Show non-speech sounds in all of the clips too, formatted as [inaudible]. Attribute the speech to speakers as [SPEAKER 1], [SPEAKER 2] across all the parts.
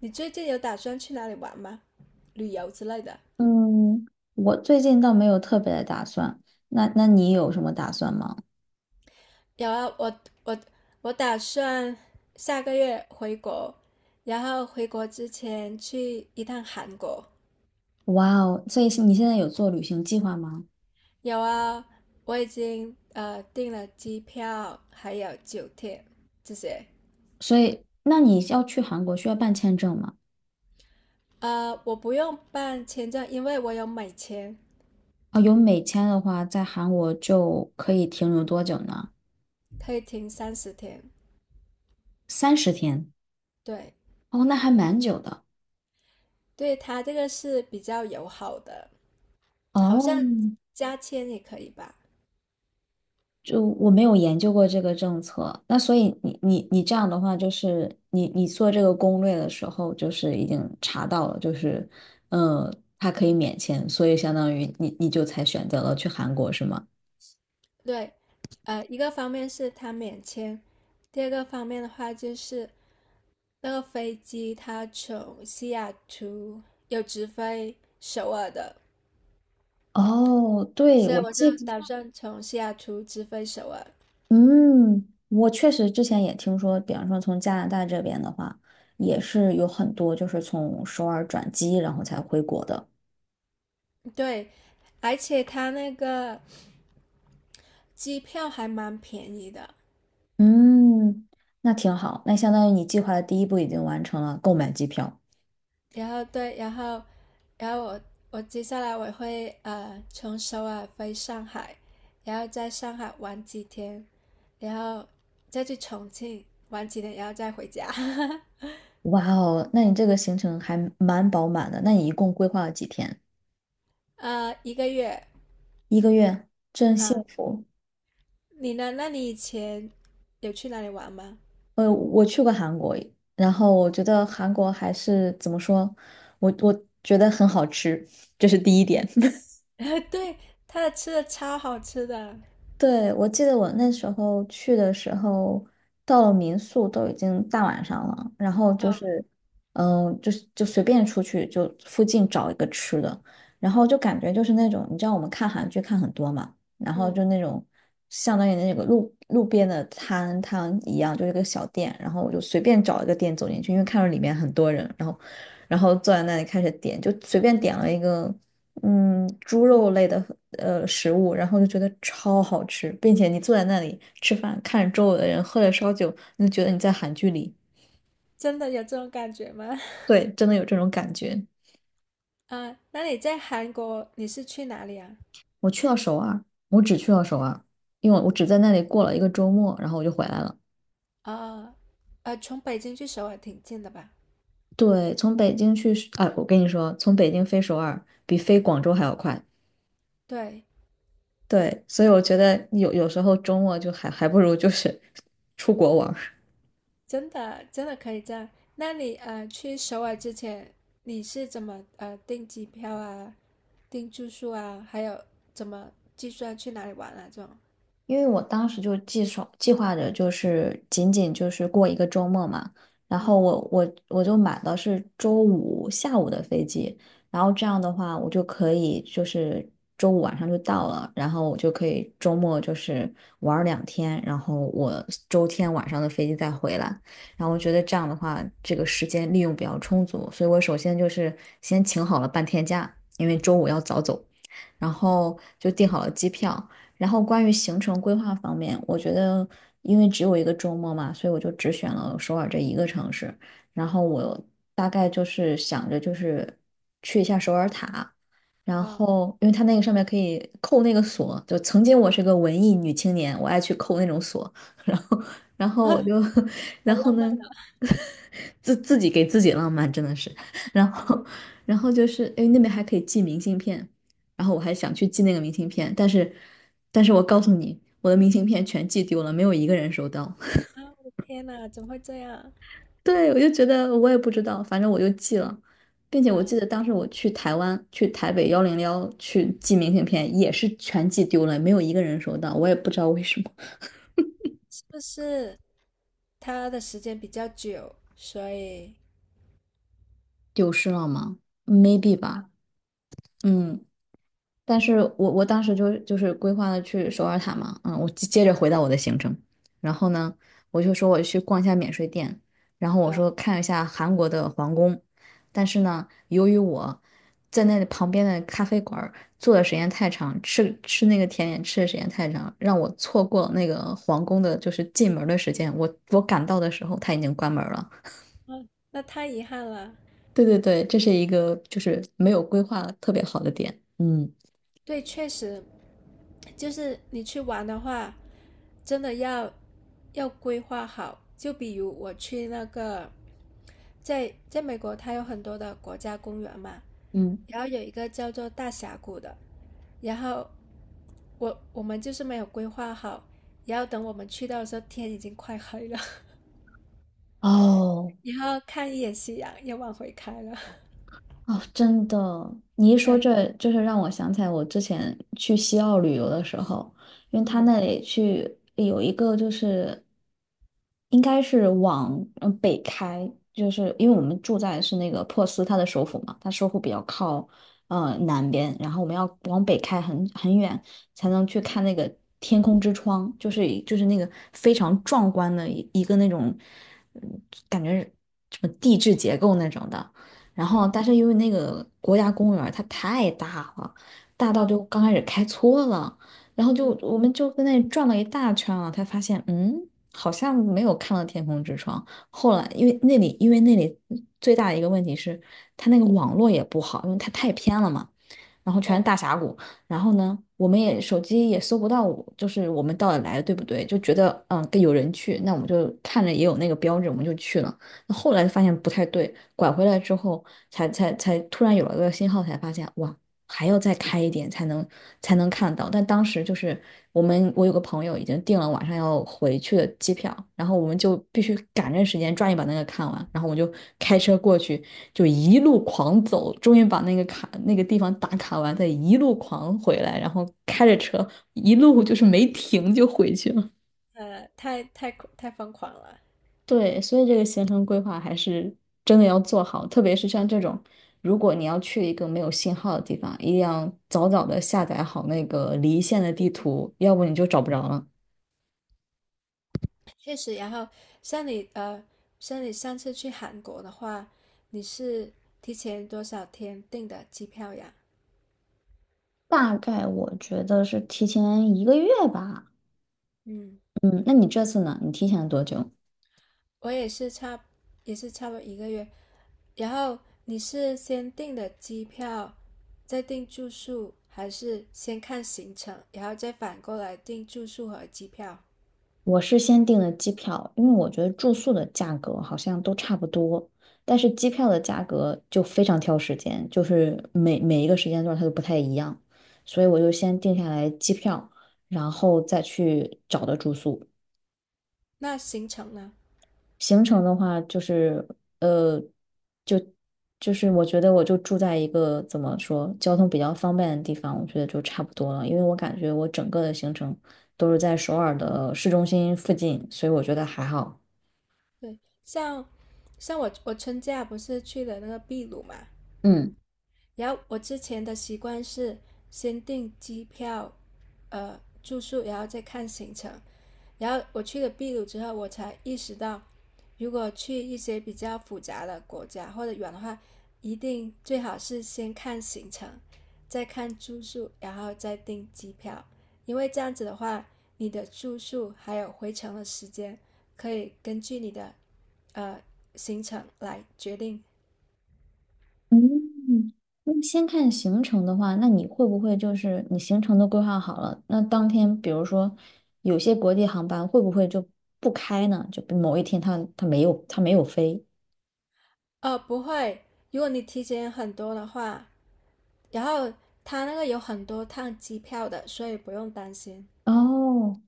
[SPEAKER 1] 你最近有打算去哪里玩吗？旅游之类的？
[SPEAKER 2] 嗯，我最近倒没有特别的打算。那你有什么打算吗？
[SPEAKER 1] 有啊，我打算下个月回国，然后回国之前去一趟韩国。
[SPEAKER 2] 哇哦，所以是你现在有做旅行计划吗？
[SPEAKER 1] 有啊，我已经订了机票，还有酒店这些。
[SPEAKER 2] 所以那你要去韩国需要办签证吗？
[SPEAKER 1] 我不用办签证，因为我有美签，
[SPEAKER 2] 啊，有美签的话，在韩国就可以停留多久呢？
[SPEAKER 1] 可以停30天。
[SPEAKER 2] 30天。
[SPEAKER 1] 对，
[SPEAKER 2] 哦，那还蛮久的。
[SPEAKER 1] 对他这个是比较友好的，好
[SPEAKER 2] 哦，
[SPEAKER 1] 像加签也可以吧？
[SPEAKER 2] 就我没有研究过这个政策，那所以你这样的话，就是你做这个攻略的时候，就是已经查到了，就是嗯，它可以免签，所以相当于你就才选择了去韩国，是吗？
[SPEAKER 1] 对，一个方面是它免签，第二个方面的话就是那个飞机它从西雅图有直飞首尔的，
[SPEAKER 2] 哦，对，
[SPEAKER 1] 所以
[SPEAKER 2] 我
[SPEAKER 1] 我就
[SPEAKER 2] 记得，
[SPEAKER 1] 打算从西雅图直飞首尔。
[SPEAKER 2] 嗯，我确实之前也听说，比方说从加拿大这边的话，也是有很多就是从首尔转机，然后才回国的。
[SPEAKER 1] 对，而且它那个机票还蛮便宜的，
[SPEAKER 2] 嗯，那挺好，那相当于你计划的第一步已经完成了，购买机票。
[SPEAKER 1] 然后对，然后我接下来我会从首尔飞上海，然后在上海玩几天，然后再去重庆玩几天，然后再回家，[laughs]
[SPEAKER 2] 哇哦，那你这个行程还蛮饱满的。那你一共规划了几天？
[SPEAKER 1] 一个月
[SPEAKER 2] 一个月，真幸
[SPEAKER 1] 啊。
[SPEAKER 2] 福。
[SPEAKER 1] 你呢？那你以前有去哪里玩吗？
[SPEAKER 2] 我去过韩国，然后我觉得韩国还是怎么说，我觉得很好吃，这是第一点。[laughs]
[SPEAKER 1] [laughs] 对，他的吃的超好吃的。
[SPEAKER 2] 对，我记得我那时候去的时候，到了民宿都已经大晚上了，然后就
[SPEAKER 1] 啊，
[SPEAKER 2] 是，就是就随便出去，就附近找一个吃的，然后就感觉就是那种，你知道我们看韩剧看很多嘛，然后
[SPEAKER 1] 嗯
[SPEAKER 2] 就那种相当于那个路边的摊摊一样，就是个小店，然后我就随便找一个店走进去，因为看到里面很多人，然后坐在那里开始点，就随便点了一个。猪肉
[SPEAKER 1] 嗯，
[SPEAKER 2] 类的食物，然后就觉得超好吃，并且你坐在那里吃饭，看着周围的人喝着烧酒，你就觉得你在韩剧里。
[SPEAKER 1] 真的有这种感觉吗？[laughs]
[SPEAKER 2] 对，真的有这种感觉。
[SPEAKER 1] 啊，那你在韩国你是去哪里啊？
[SPEAKER 2] 我去到首尔，我只去了首尔，因为我只在那里过了一个周末，然后我就回来了。
[SPEAKER 1] 啊，从北京去首尔挺近的吧？
[SPEAKER 2] 对，从北京去啊，哎我跟你说，从北京飞首尔比飞广州还要快。
[SPEAKER 1] 对，
[SPEAKER 2] 对，所以我觉得有时候周末就还不如就是 [laughs] 出国玩。
[SPEAKER 1] 真的真的可以这样。那你去首尔之前，你是怎么订机票啊、订住宿啊，还有怎么计算去哪里玩啊这种？
[SPEAKER 2] 因为我当时就计划着，就是仅仅就是过一个周末嘛，然后
[SPEAKER 1] 嗯。
[SPEAKER 2] 我就买的是周五下午的飞机，然后这样的话，我就可以就是周五晚上就到了，然后我就可以周末就是玩儿2天，然后我周天晚上的飞机再回来，然后我觉得这样的话，这个时间利用比较充足，所以我首先就是先请好了半天假，因为周五要早走，然后就订好了机票。然后关于行程规划方面，我觉得因为只有一个周末嘛，所以我就只选了首尔这一个城市。然后我大概就是想着就是去一下首尔塔，然
[SPEAKER 1] 哦，
[SPEAKER 2] 后因为它那个上面可以扣那个锁，就曾经我是个文艺女青年，我爱去扣那种锁，[laughs] 然后然后我就 [laughs] 然后呢，[laughs] 自己给自己浪漫真的是，[laughs] 然后然后就是因为那边还可以寄明信片。然后我还想去寄那个明信片，但是我告诉你，我的明信片全寄丢了，没有一个人收到。[laughs]
[SPEAKER 1] 啊，我的天呐，怎么会这样？
[SPEAKER 2] 对，我就觉得我也不知道，反正我就寄了，并且我
[SPEAKER 1] 啊，
[SPEAKER 2] 记得当时我去台湾，去台北101去寄明信片，也是全寄丢了，没有一个人收到，我也不知道为什么，
[SPEAKER 1] 是不是他的时间比较久，所以
[SPEAKER 2] 丢失了吗？Maybe 吧，嗯。但是我当时就是规划了去首尔塔嘛，我接着回到我的行程，然后呢，我就说我去逛一下免税店，然后我
[SPEAKER 1] 啊，
[SPEAKER 2] 说看一下韩国的皇宫，但是呢，由于我在那旁边的咖啡馆儿坐的时间太长，吃那个甜点吃的时间太长，让我错过了那个皇宫的就是进门儿的时间，我赶到的时候它已经关门儿了。
[SPEAKER 1] 那太遗憾了。
[SPEAKER 2] 对对对，这是一个就是没有规划特别好的点，嗯
[SPEAKER 1] 对，确实，就是你去玩的话，真的要要规划好。就比如我去那个在美国，它有很多的国家公园嘛，
[SPEAKER 2] 嗯。
[SPEAKER 1] 然后有一个叫做大峡谷的，然后我们就是没有规划好，然后等我们去到的时候，天已经快黑了，[laughs]
[SPEAKER 2] 哦，
[SPEAKER 1] 然后看一眼夕阳又往回开了，[laughs]
[SPEAKER 2] 哦，真的，你一说
[SPEAKER 1] 对，
[SPEAKER 2] 这，就是让我想起来我之前去西澳旅游的时候，因为他
[SPEAKER 1] 嗯，
[SPEAKER 2] 那里去有一个就是应该是往北开，就是因为我们住在是那个珀斯，它的首府嘛，它首府比较靠南边，然后我们要往北开很远才能去看那个天空之窗，就是那个非常壮观的一个那种，嗯感觉是什么地质结构那种的。然后
[SPEAKER 1] 对，
[SPEAKER 2] 但是因为那个国家公园儿它太大了，大到
[SPEAKER 1] 啊，
[SPEAKER 2] 就刚开始开错了，然后就
[SPEAKER 1] 嗯，
[SPEAKER 2] 我们就在那里转了一大圈了，才发现好像没有看到天空之窗。后来因为那里最大的一个问题是它那个网络也不好，因为它太偏了嘛。然后全是
[SPEAKER 1] 对，
[SPEAKER 2] 大峡谷，然后呢，我们也手机也搜不到我就是我们到底来的对不对？就觉得跟有人去，那我们就看着也有那个标志，我们就去了。那后来发现不太对，拐回来之后才突然有了个信号，才发现哇，还要再开一点才能看到。但当时就是我有个朋友已经订了晚上要回去的机票，然后我们就必须赶着时间抓紧把那个看完，然后我就开车过去，就一路狂走，终于把那个卡那个地方打卡完，再一路狂回来，然后开着车一路就是没停就回去了。
[SPEAKER 1] 呃，太太太疯狂了，
[SPEAKER 2] 对，所以这个行程规划还是真的要做好，特别是像这种，如果你要去一个没有信号的地方，一定要早早的下载好那个离线的地图，要不你就找不着了。
[SPEAKER 1] 确实。然后像你呃，像你上次去韩国的话，你是提前多少天订的机票呀？
[SPEAKER 2] 大概我觉得是提前一个月吧。
[SPEAKER 1] 嗯。
[SPEAKER 2] 嗯，那你这次呢？你提前了多久？
[SPEAKER 1] 我也是差不多一个月。然后你是先订的机票，再订住宿，还是先看行程，然后再反过来订住宿和机票？
[SPEAKER 2] 我是先订的机票，因为我觉得住宿的价格好像都差不多，但是机票的价格就非常挑时间，就是每一个时间段它都不太一样，所以我就先定下来机票，然后再去找的住宿。
[SPEAKER 1] 那行程呢？
[SPEAKER 2] 行程的话，就是呃，就就是我觉得我就住在一个怎么说交通比较方便的地方，我觉得就差不多了，因为我感觉我整个的行程都是在首尔的市中心附近，所以我觉得还好。
[SPEAKER 1] 对，像像我春假不是去了那个秘鲁嘛，
[SPEAKER 2] 嗯。
[SPEAKER 1] 然后我之前的习惯是先订机票，住宿，然后再看行程。然后我去了秘鲁之后，我才意识到，如果去一些比较复杂的国家或者远的话，一定最好是先看行程，再看住宿，然后再订机票，因为这样子的话，你的住宿还有回程的时间可以根据你的呃行程来决定。
[SPEAKER 2] 嗯，那先看行程的话，那你会不会就是你行程都规划好了，那当天比如说有些国际航班会不会就不开呢？就比某一天它没有飞。
[SPEAKER 1] 不会，如果你提前很多的话，然后他那个有很多趟机票的，所以不用担心。
[SPEAKER 2] 哦，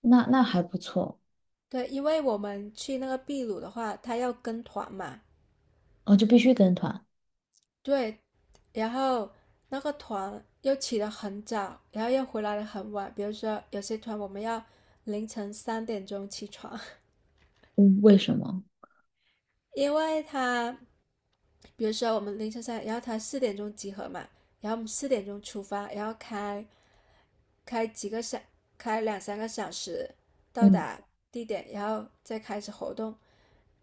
[SPEAKER 2] 那还不错，
[SPEAKER 1] 对，因为我们去那个秘鲁的话，他要跟团嘛，
[SPEAKER 2] 哦，就必须跟团。
[SPEAKER 1] 对，然后那个团又起得很早，然后又回来的很晚。比如说有些团我们要凌晨3点钟起床，
[SPEAKER 2] 嗯为什么？
[SPEAKER 1] [laughs] 因为他，比如说我们凌晨三，然后他四点钟集合嘛，然后我们四点钟出发，然后开几个小，开两三个小时到
[SPEAKER 2] 嗯
[SPEAKER 1] 达地点，然后再开始活动，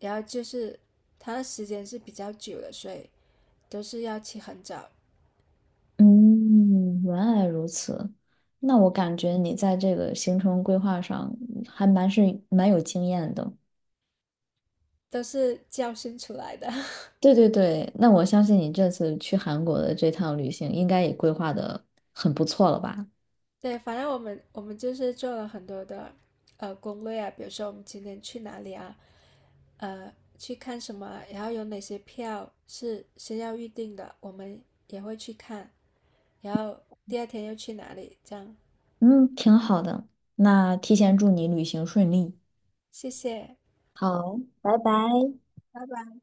[SPEAKER 1] 然后就是它的时间是比较久的，所以都是要起很早，
[SPEAKER 2] 嗯，原来如此。那我感觉你在这个行程规划上还蛮有经验的。
[SPEAKER 1] 都是教训出来的。
[SPEAKER 2] 对对对，那我相信你这次去韩国的这趟旅行应该也规划的很不错了吧？
[SPEAKER 1] [laughs] 对，反正我们就是做了很多的攻略啊，比如说我们今天去哪里啊，去看什么啊然后有哪些票是先要预定的，我们也会去看，然后第二天又去哪里，这样。
[SPEAKER 2] 嗯，挺好的，那提前祝你旅行顺利。
[SPEAKER 1] 谢谢，
[SPEAKER 2] 好，
[SPEAKER 1] 拜拜。